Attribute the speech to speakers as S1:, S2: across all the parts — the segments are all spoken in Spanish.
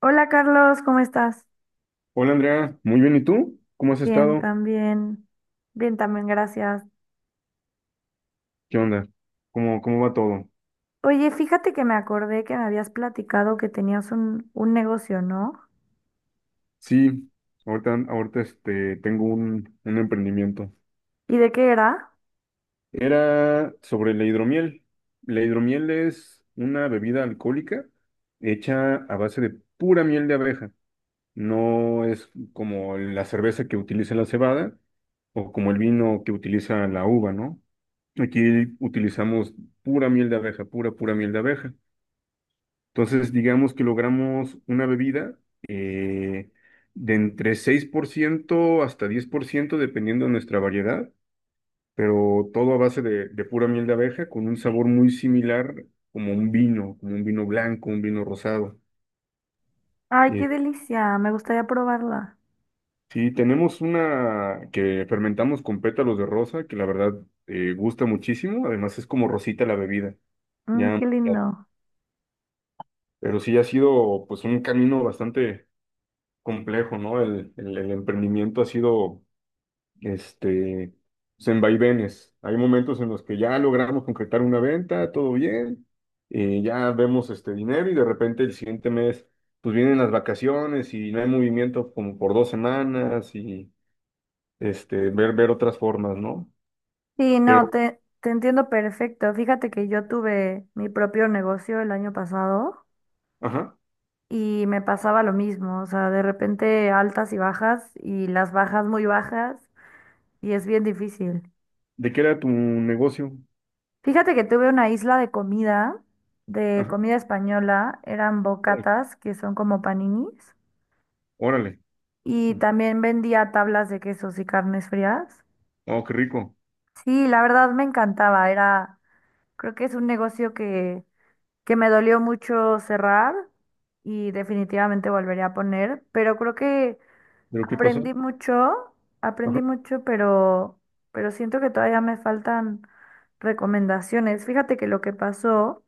S1: Hola Carlos, ¿cómo estás?
S2: Hola Andrea, muy bien, ¿y tú? ¿Cómo has
S1: Bien,
S2: estado?
S1: también. Bien, también, gracias.
S2: ¿Qué onda? ¿Cómo va todo?
S1: Oye, fíjate que me acordé que me habías platicado que tenías un negocio, ¿no?
S2: Sí, ahorita tengo un emprendimiento.
S1: ¿Y de qué era?
S2: Era sobre la hidromiel. La hidromiel es una bebida alcohólica hecha a base de pura miel de abeja. No es como la cerveza que utiliza la cebada o como el vino que utiliza la uva, ¿no? Aquí utilizamos pura miel de abeja, pura, pura miel de abeja. Entonces, digamos que logramos una bebida eh, de entre 6% hasta 10% dependiendo de nuestra variedad, pero todo a base de pura miel de abeja, con un sabor muy similar como un vino blanco, un vino rosado.
S1: Ay, qué
S2: Eh,
S1: delicia, me gustaría probarla.
S2: sí, tenemos una que fermentamos con pétalos de rosa, que la verdad gusta muchísimo, además es como rosita la bebida,
S1: Mm,
S2: ya,
S1: qué lindo.
S2: pero sí ha sido pues un camino bastante complejo, ¿no? El emprendimiento ha sido este, pues, en vaivenes. Hay momentos en los que ya logramos concretar una venta, todo bien, ya vemos este dinero y de repente el siguiente mes, pues vienen las vacaciones y no hay movimiento como por 2 semanas y ver otras formas, ¿no?
S1: Sí, no,
S2: Pero,
S1: te entiendo perfecto. Fíjate que yo tuve mi propio negocio el año pasado
S2: ajá,
S1: y me pasaba lo mismo, o sea, de repente altas y bajas y las bajas muy bajas y es bien difícil.
S2: ¿de qué era tu negocio?
S1: Fíjate que tuve una isla de
S2: Ajá,
S1: comida española, eran
S2: órale,
S1: bocatas, que son como paninis,
S2: órale.
S1: y también vendía tablas de quesos y carnes frías.
S2: Oh, qué rico.
S1: Sí, la verdad me encantaba, era, creo que es un negocio que me dolió mucho cerrar y definitivamente volvería a poner, pero creo que
S2: ¿Pero qué pasó?
S1: aprendí mucho, aprendí mucho, pero siento que todavía me faltan recomendaciones. Fíjate que lo que pasó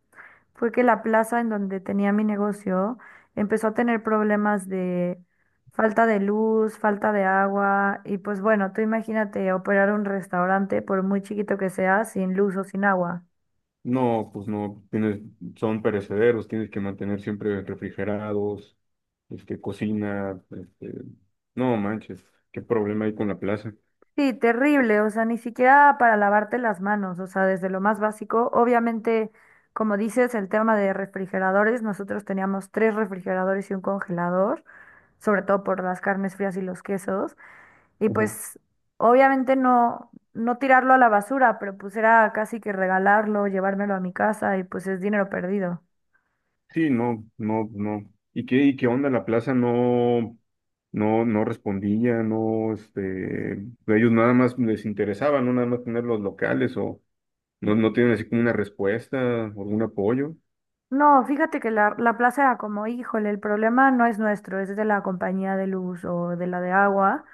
S1: fue que la plaza en donde tenía mi negocio empezó a tener problemas de falta de luz, falta de agua y pues bueno, tú imagínate operar un restaurante por muy chiquito que sea sin luz o sin agua.
S2: No, pues no, son perecederos, tienes que mantener siempre refrigerados, este, cocina, no manches, qué problema hay con la plaza.
S1: Sí, terrible, o sea, ni siquiera para lavarte las manos, o sea, desde lo más básico. Obviamente, como dices, el tema de refrigeradores, nosotros teníamos tres refrigeradores y un congelador, sobre todo por las carnes frías y los quesos, y
S2: Ujú.
S1: pues obviamente no, no tirarlo a la basura, pero pues era casi que regalarlo, llevármelo a mi casa y pues es dinero perdido.
S2: Sí, no, no, no. ¿Y qué onda? La plaza no, no, no respondía, no, ellos nada más les interesaba, no nada más tener los locales o no, no tienen así como una respuesta, algún apoyo.
S1: No, fíjate que la plaza era como, híjole, el problema no es nuestro, es de la compañía de luz o de la de agua.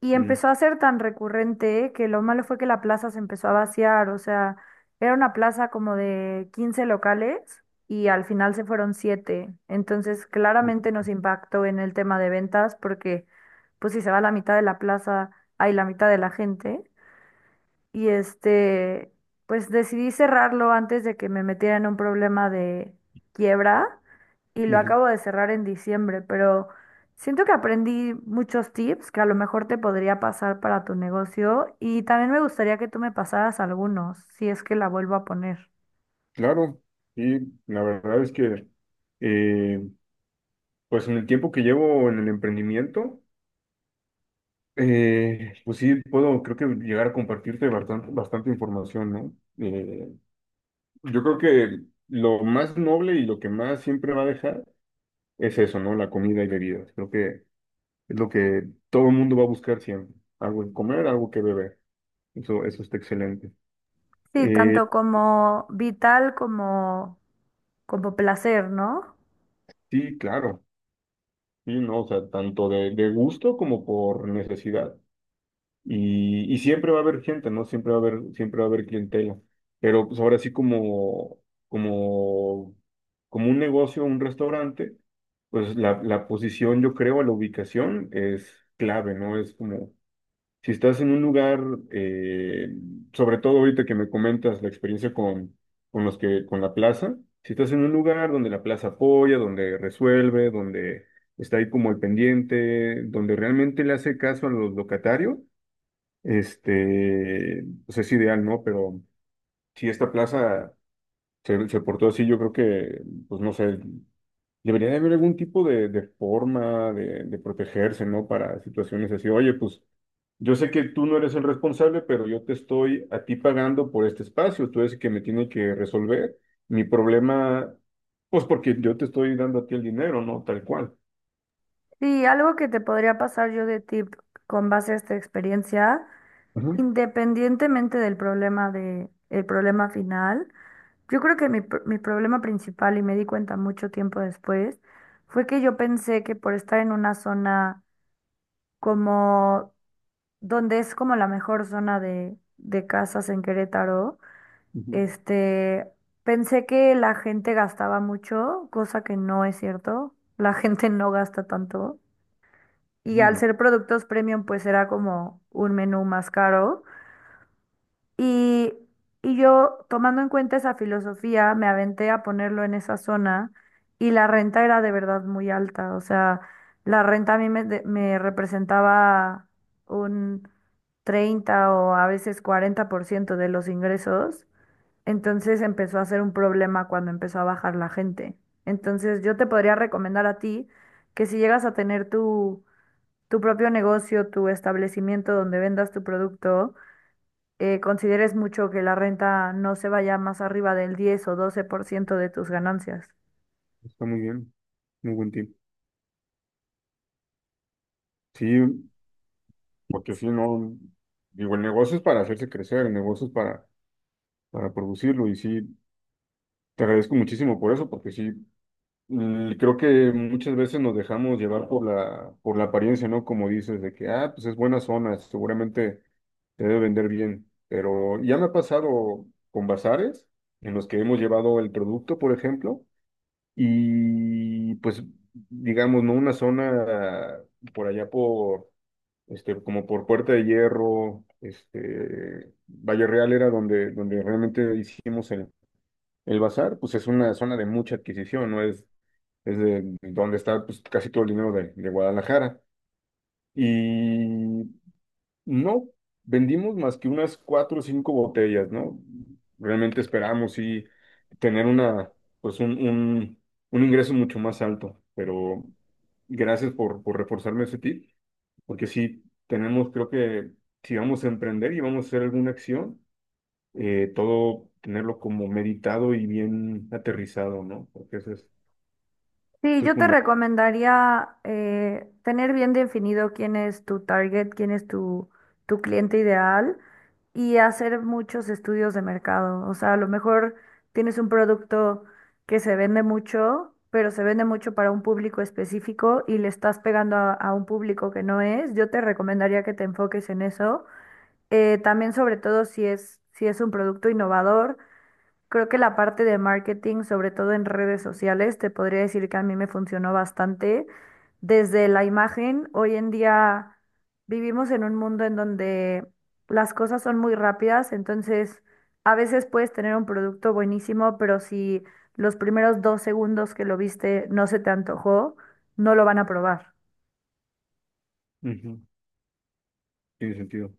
S1: Y
S2: Mm.
S1: empezó a ser tan recurrente que lo malo fue que la plaza se empezó a vaciar, o sea, era una plaza como de 15 locales y al final se fueron 7. Entonces, claramente nos impactó en el tema de ventas porque, pues si se va la mitad de la plaza, hay la mitad de la gente y este, pues decidí cerrarlo antes de que me metiera en un problema de quiebra y lo
S2: Ujú.
S1: acabo de cerrar en diciembre, pero siento que aprendí muchos tips que a lo mejor te podría pasar para tu negocio y también me gustaría que tú me pasaras algunos, si es que la vuelvo a poner.
S2: Claro, sí, la verdad es que eh, Pues en el tiempo que llevo en el emprendimiento, pues sí, puedo, creo que llegar a compartirte bastante, bastante información, ¿no? Eh, yo creo que lo más noble y lo que más siempre va a dejar es eso, ¿no? La comida y bebidas. Creo que es lo que todo el mundo va a buscar siempre. Algo que comer, algo que beber. Eso está excelente.
S1: Sí,
S2: Eh,
S1: tanto como vital como como placer, ¿no?
S2: sí, claro. Sí, no, o sea, tanto de gusto como por necesidad. Y siempre va a haber gente, ¿no? Siempre va a haber, siempre va a haber clientela. Pero pues ahora sí como, como un negocio, un restaurante, pues la posición, yo creo, la ubicación es clave, ¿no? Es como, si estás en un lugar, eh, sobre todo ahorita que me comentas la experiencia con la plaza, si estás en un lugar donde la plaza apoya, donde resuelve, donde está ahí como el pendiente, donde realmente le hace caso a los locatarios, pues es ideal, ¿no? Pero si esta plaza se portó así, yo creo que, pues no sé, debería de haber algún tipo de forma de protegerse, ¿no? Para situaciones así. Oye, pues yo sé que tú no eres el responsable, pero yo te estoy a ti pagando por este espacio. Tú eres el que me tiene que resolver mi problema, pues porque yo te estoy dando a ti el dinero, ¿no? Tal cual.
S1: Sí, algo que te podría pasar yo de tip con base a esta experiencia.
S2: Ajá,
S1: Independientemente del problema de, el problema final, yo creo que mi problema principal, y me di cuenta mucho tiempo después, fue que yo pensé que por estar en una zona como, donde es como la mejor zona de casas en Querétaro,
S2: ujú.
S1: este, pensé que la gente gastaba mucho, cosa que no es cierto, la gente no gasta tanto, y al
S2: Mm,
S1: ser productos premium, pues era como un menú más caro. Y, y yo, tomando en cuenta esa filosofía, me aventé a ponerlo en esa zona y la renta era de verdad muy alta. O sea, la renta a mí me representaba un 30% o a veces 40% de los ingresos. Entonces empezó a ser un problema cuando empezó a bajar la gente. Entonces yo te podría recomendar a ti que si llegas a tener tu, tu propio negocio, tu establecimiento donde vendas tu producto, consideres mucho que la renta no se vaya más arriba del 10% o 12% de tus ganancias.
S2: Está muy bien, muy buen tip. Sí, porque si no, digo, el negocio es para hacerse crecer, el negocio es para producirlo. Y sí, te agradezco muchísimo por eso, porque sí, creo que muchas veces nos dejamos llevar por la apariencia, ¿no? Como dices, de que, ah, pues es buena zona, seguramente te debe vender bien. Pero ya me ha pasado con bazares en los que hemos llevado el producto, por ejemplo, y pues, digamos, ¿no? Una zona por allá por como por Puerta de Hierro, Valle Real era donde realmente hicimos el bazar, pues es una zona de mucha adquisición, ¿no? Es de donde está pues, casi todo el dinero de Guadalajara. Y no vendimos más que unas cuatro o cinco botellas, ¿no? Realmente esperamos sí tener pues un ingreso mucho más alto, pero gracias por reforzarme ese tip, porque sí tenemos, creo que si vamos a emprender y vamos a hacer alguna acción, todo tenerlo como meditado y bien aterrizado, ¿no? Porque eso es,
S1: Sí,
S2: eso es
S1: yo te
S2: fundamental.
S1: recomendaría tener bien definido quién es tu target, quién es tu, tu cliente ideal y hacer muchos estudios de mercado. O sea, a lo mejor tienes un producto que se vende mucho, pero se vende mucho para un público específico y le estás pegando a un público que no es. Yo te recomendaría que te enfoques en eso. También sobre todo si es, si es un producto innovador, creo que la parte de marketing, sobre todo en redes sociales, te podría decir que a mí me funcionó bastante. Desde la imagen, hoy en día vivimos en un mundo en donde las cosas son muy rápidas, entonces a veces puedes tener un producto buenísimo, pero si los primeros 2 segundos que lo viste no se te antojó, no lo van a probar.
S2: Ujú, tiene sentido.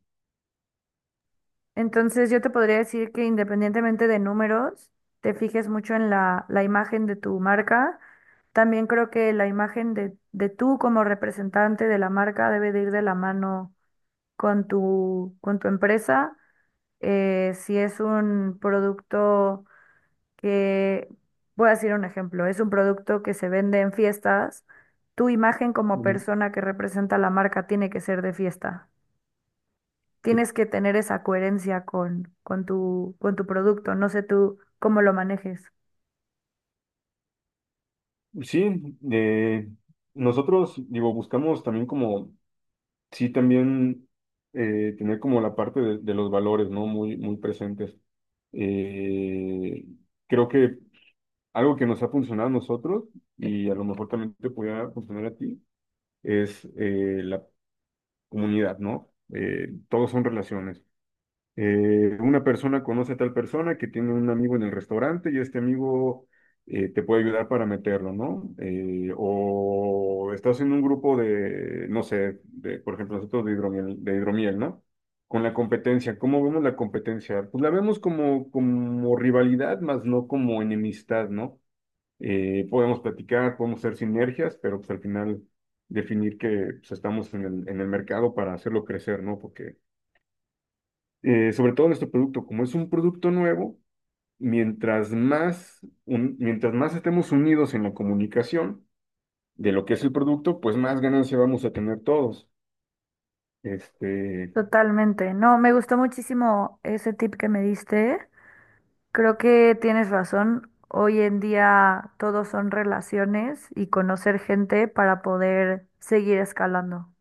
S1: Entonces yo te podría decir que independientemente de números, te fijes mucho en la imagen de tu marca. También creo que la imagen de tú como representante de la marca debe de ir de la mano con tu empresa. Si es un producto que, voy a decir un ejemplo, es un producto que se vende en fiestas, tu imagen como
S2: Ujú.
S1: persona que representa la marca tiene que ser de fiesta. Tienes que tener esa coherencia con tu producto. No sé tú cómo lo manejes.
S2: Sí, eh, nosotros, digo, buscamos también como sí también tener como la parte de los valores, ¿no? Muy, muy presentes. Eh, Creo que algo que nos ha funcionado a nosotros y a lo mejor también te pudiera funcionar a ti es la comunidad, ¿no? Todos son relaciones. Una persona conoce a tal persona que tiene un amigo en el restaurante y este amigo te puede ayudar para meterlo, ¿no? O estás en un grupo de, no sé, de, por ejemplo, nosotros de hidromiel, ¿no? Con la competencia, ¿cómo vemos la competencia? Pues la vemos como rivalidad, más no como enemistad, ¿no? Podemos platicar, podemos hacer sinergias, pero pues al final definir que pues, estamos en el mercado para hacerlo crecer, ¿no? Porque sobre todo nuestro producto, como es un producto nuevo, mientras más, mientras más estemos unidos en la comunicación de lo que es el producto, pues más ganancia vamos a tener todos. Este,
S1: Totalmente. No, me gustó muchísimo ese tip que me diste. Creo que tienes razón. Hoy en día todo son relaciones y conocer gente para poder seguir escalando.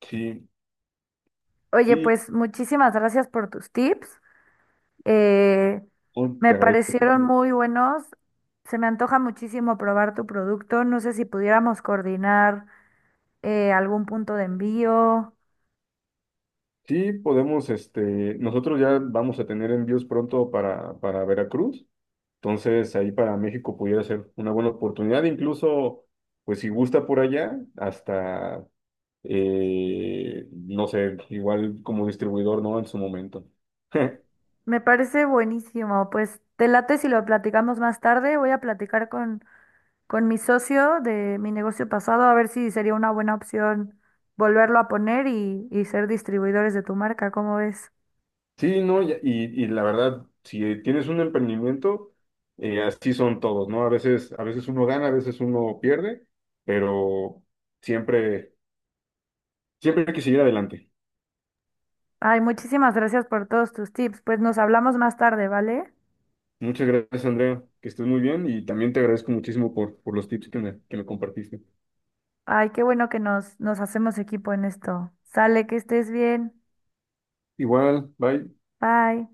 S2: sí,
S1: Oye,
S2: sí,
S1: pues muchísimas gracias por tus tips. Eh,
S2: oh,
S1: Me
S2: te agradezco.
S1: parecieron muy buenos. Se me antoja muchísimo probar tu producto. No sé si pudiéramos coordinar algún punto de envío.
S2: Sí, podemos, nosotros ya vamos a tener envíos pronto para Veracruz, entonces ahí para México pudiera ser una buena oportunidad, incluso, pues si gusta por allá, hasta no sé, igual como distribuidor, ¿no? En su momento.
S1: Me parece buenísimo. Pues te late si lo platicamos más tarde. Voy a platicar con mi socio de mi negocio pasado a ver si sería una buena opción volverlo a poner y ser distribuidores de tu marca. ¿Cómo ves?
S2: Sí, no, y la verdad, si tienes un emprendimiento, así son todos, ¿no? A veces uno gana, a veces uno pierde, pero siempre, siempre hay que seguir adelante.
S1: Ay, muchísimas gracias por todos tus tips. Pues nos hablamos más tarde, ¿vale?
S2: Muchas gracias, Andrea, que estés muy bien y también te agradezco muchísimo por los tips que me compartiste.
S1: Ay, qué bueno que nos hacemos equipo en esto. Sale, que estés bien.
S2: Igual, bye.
S1: Bye.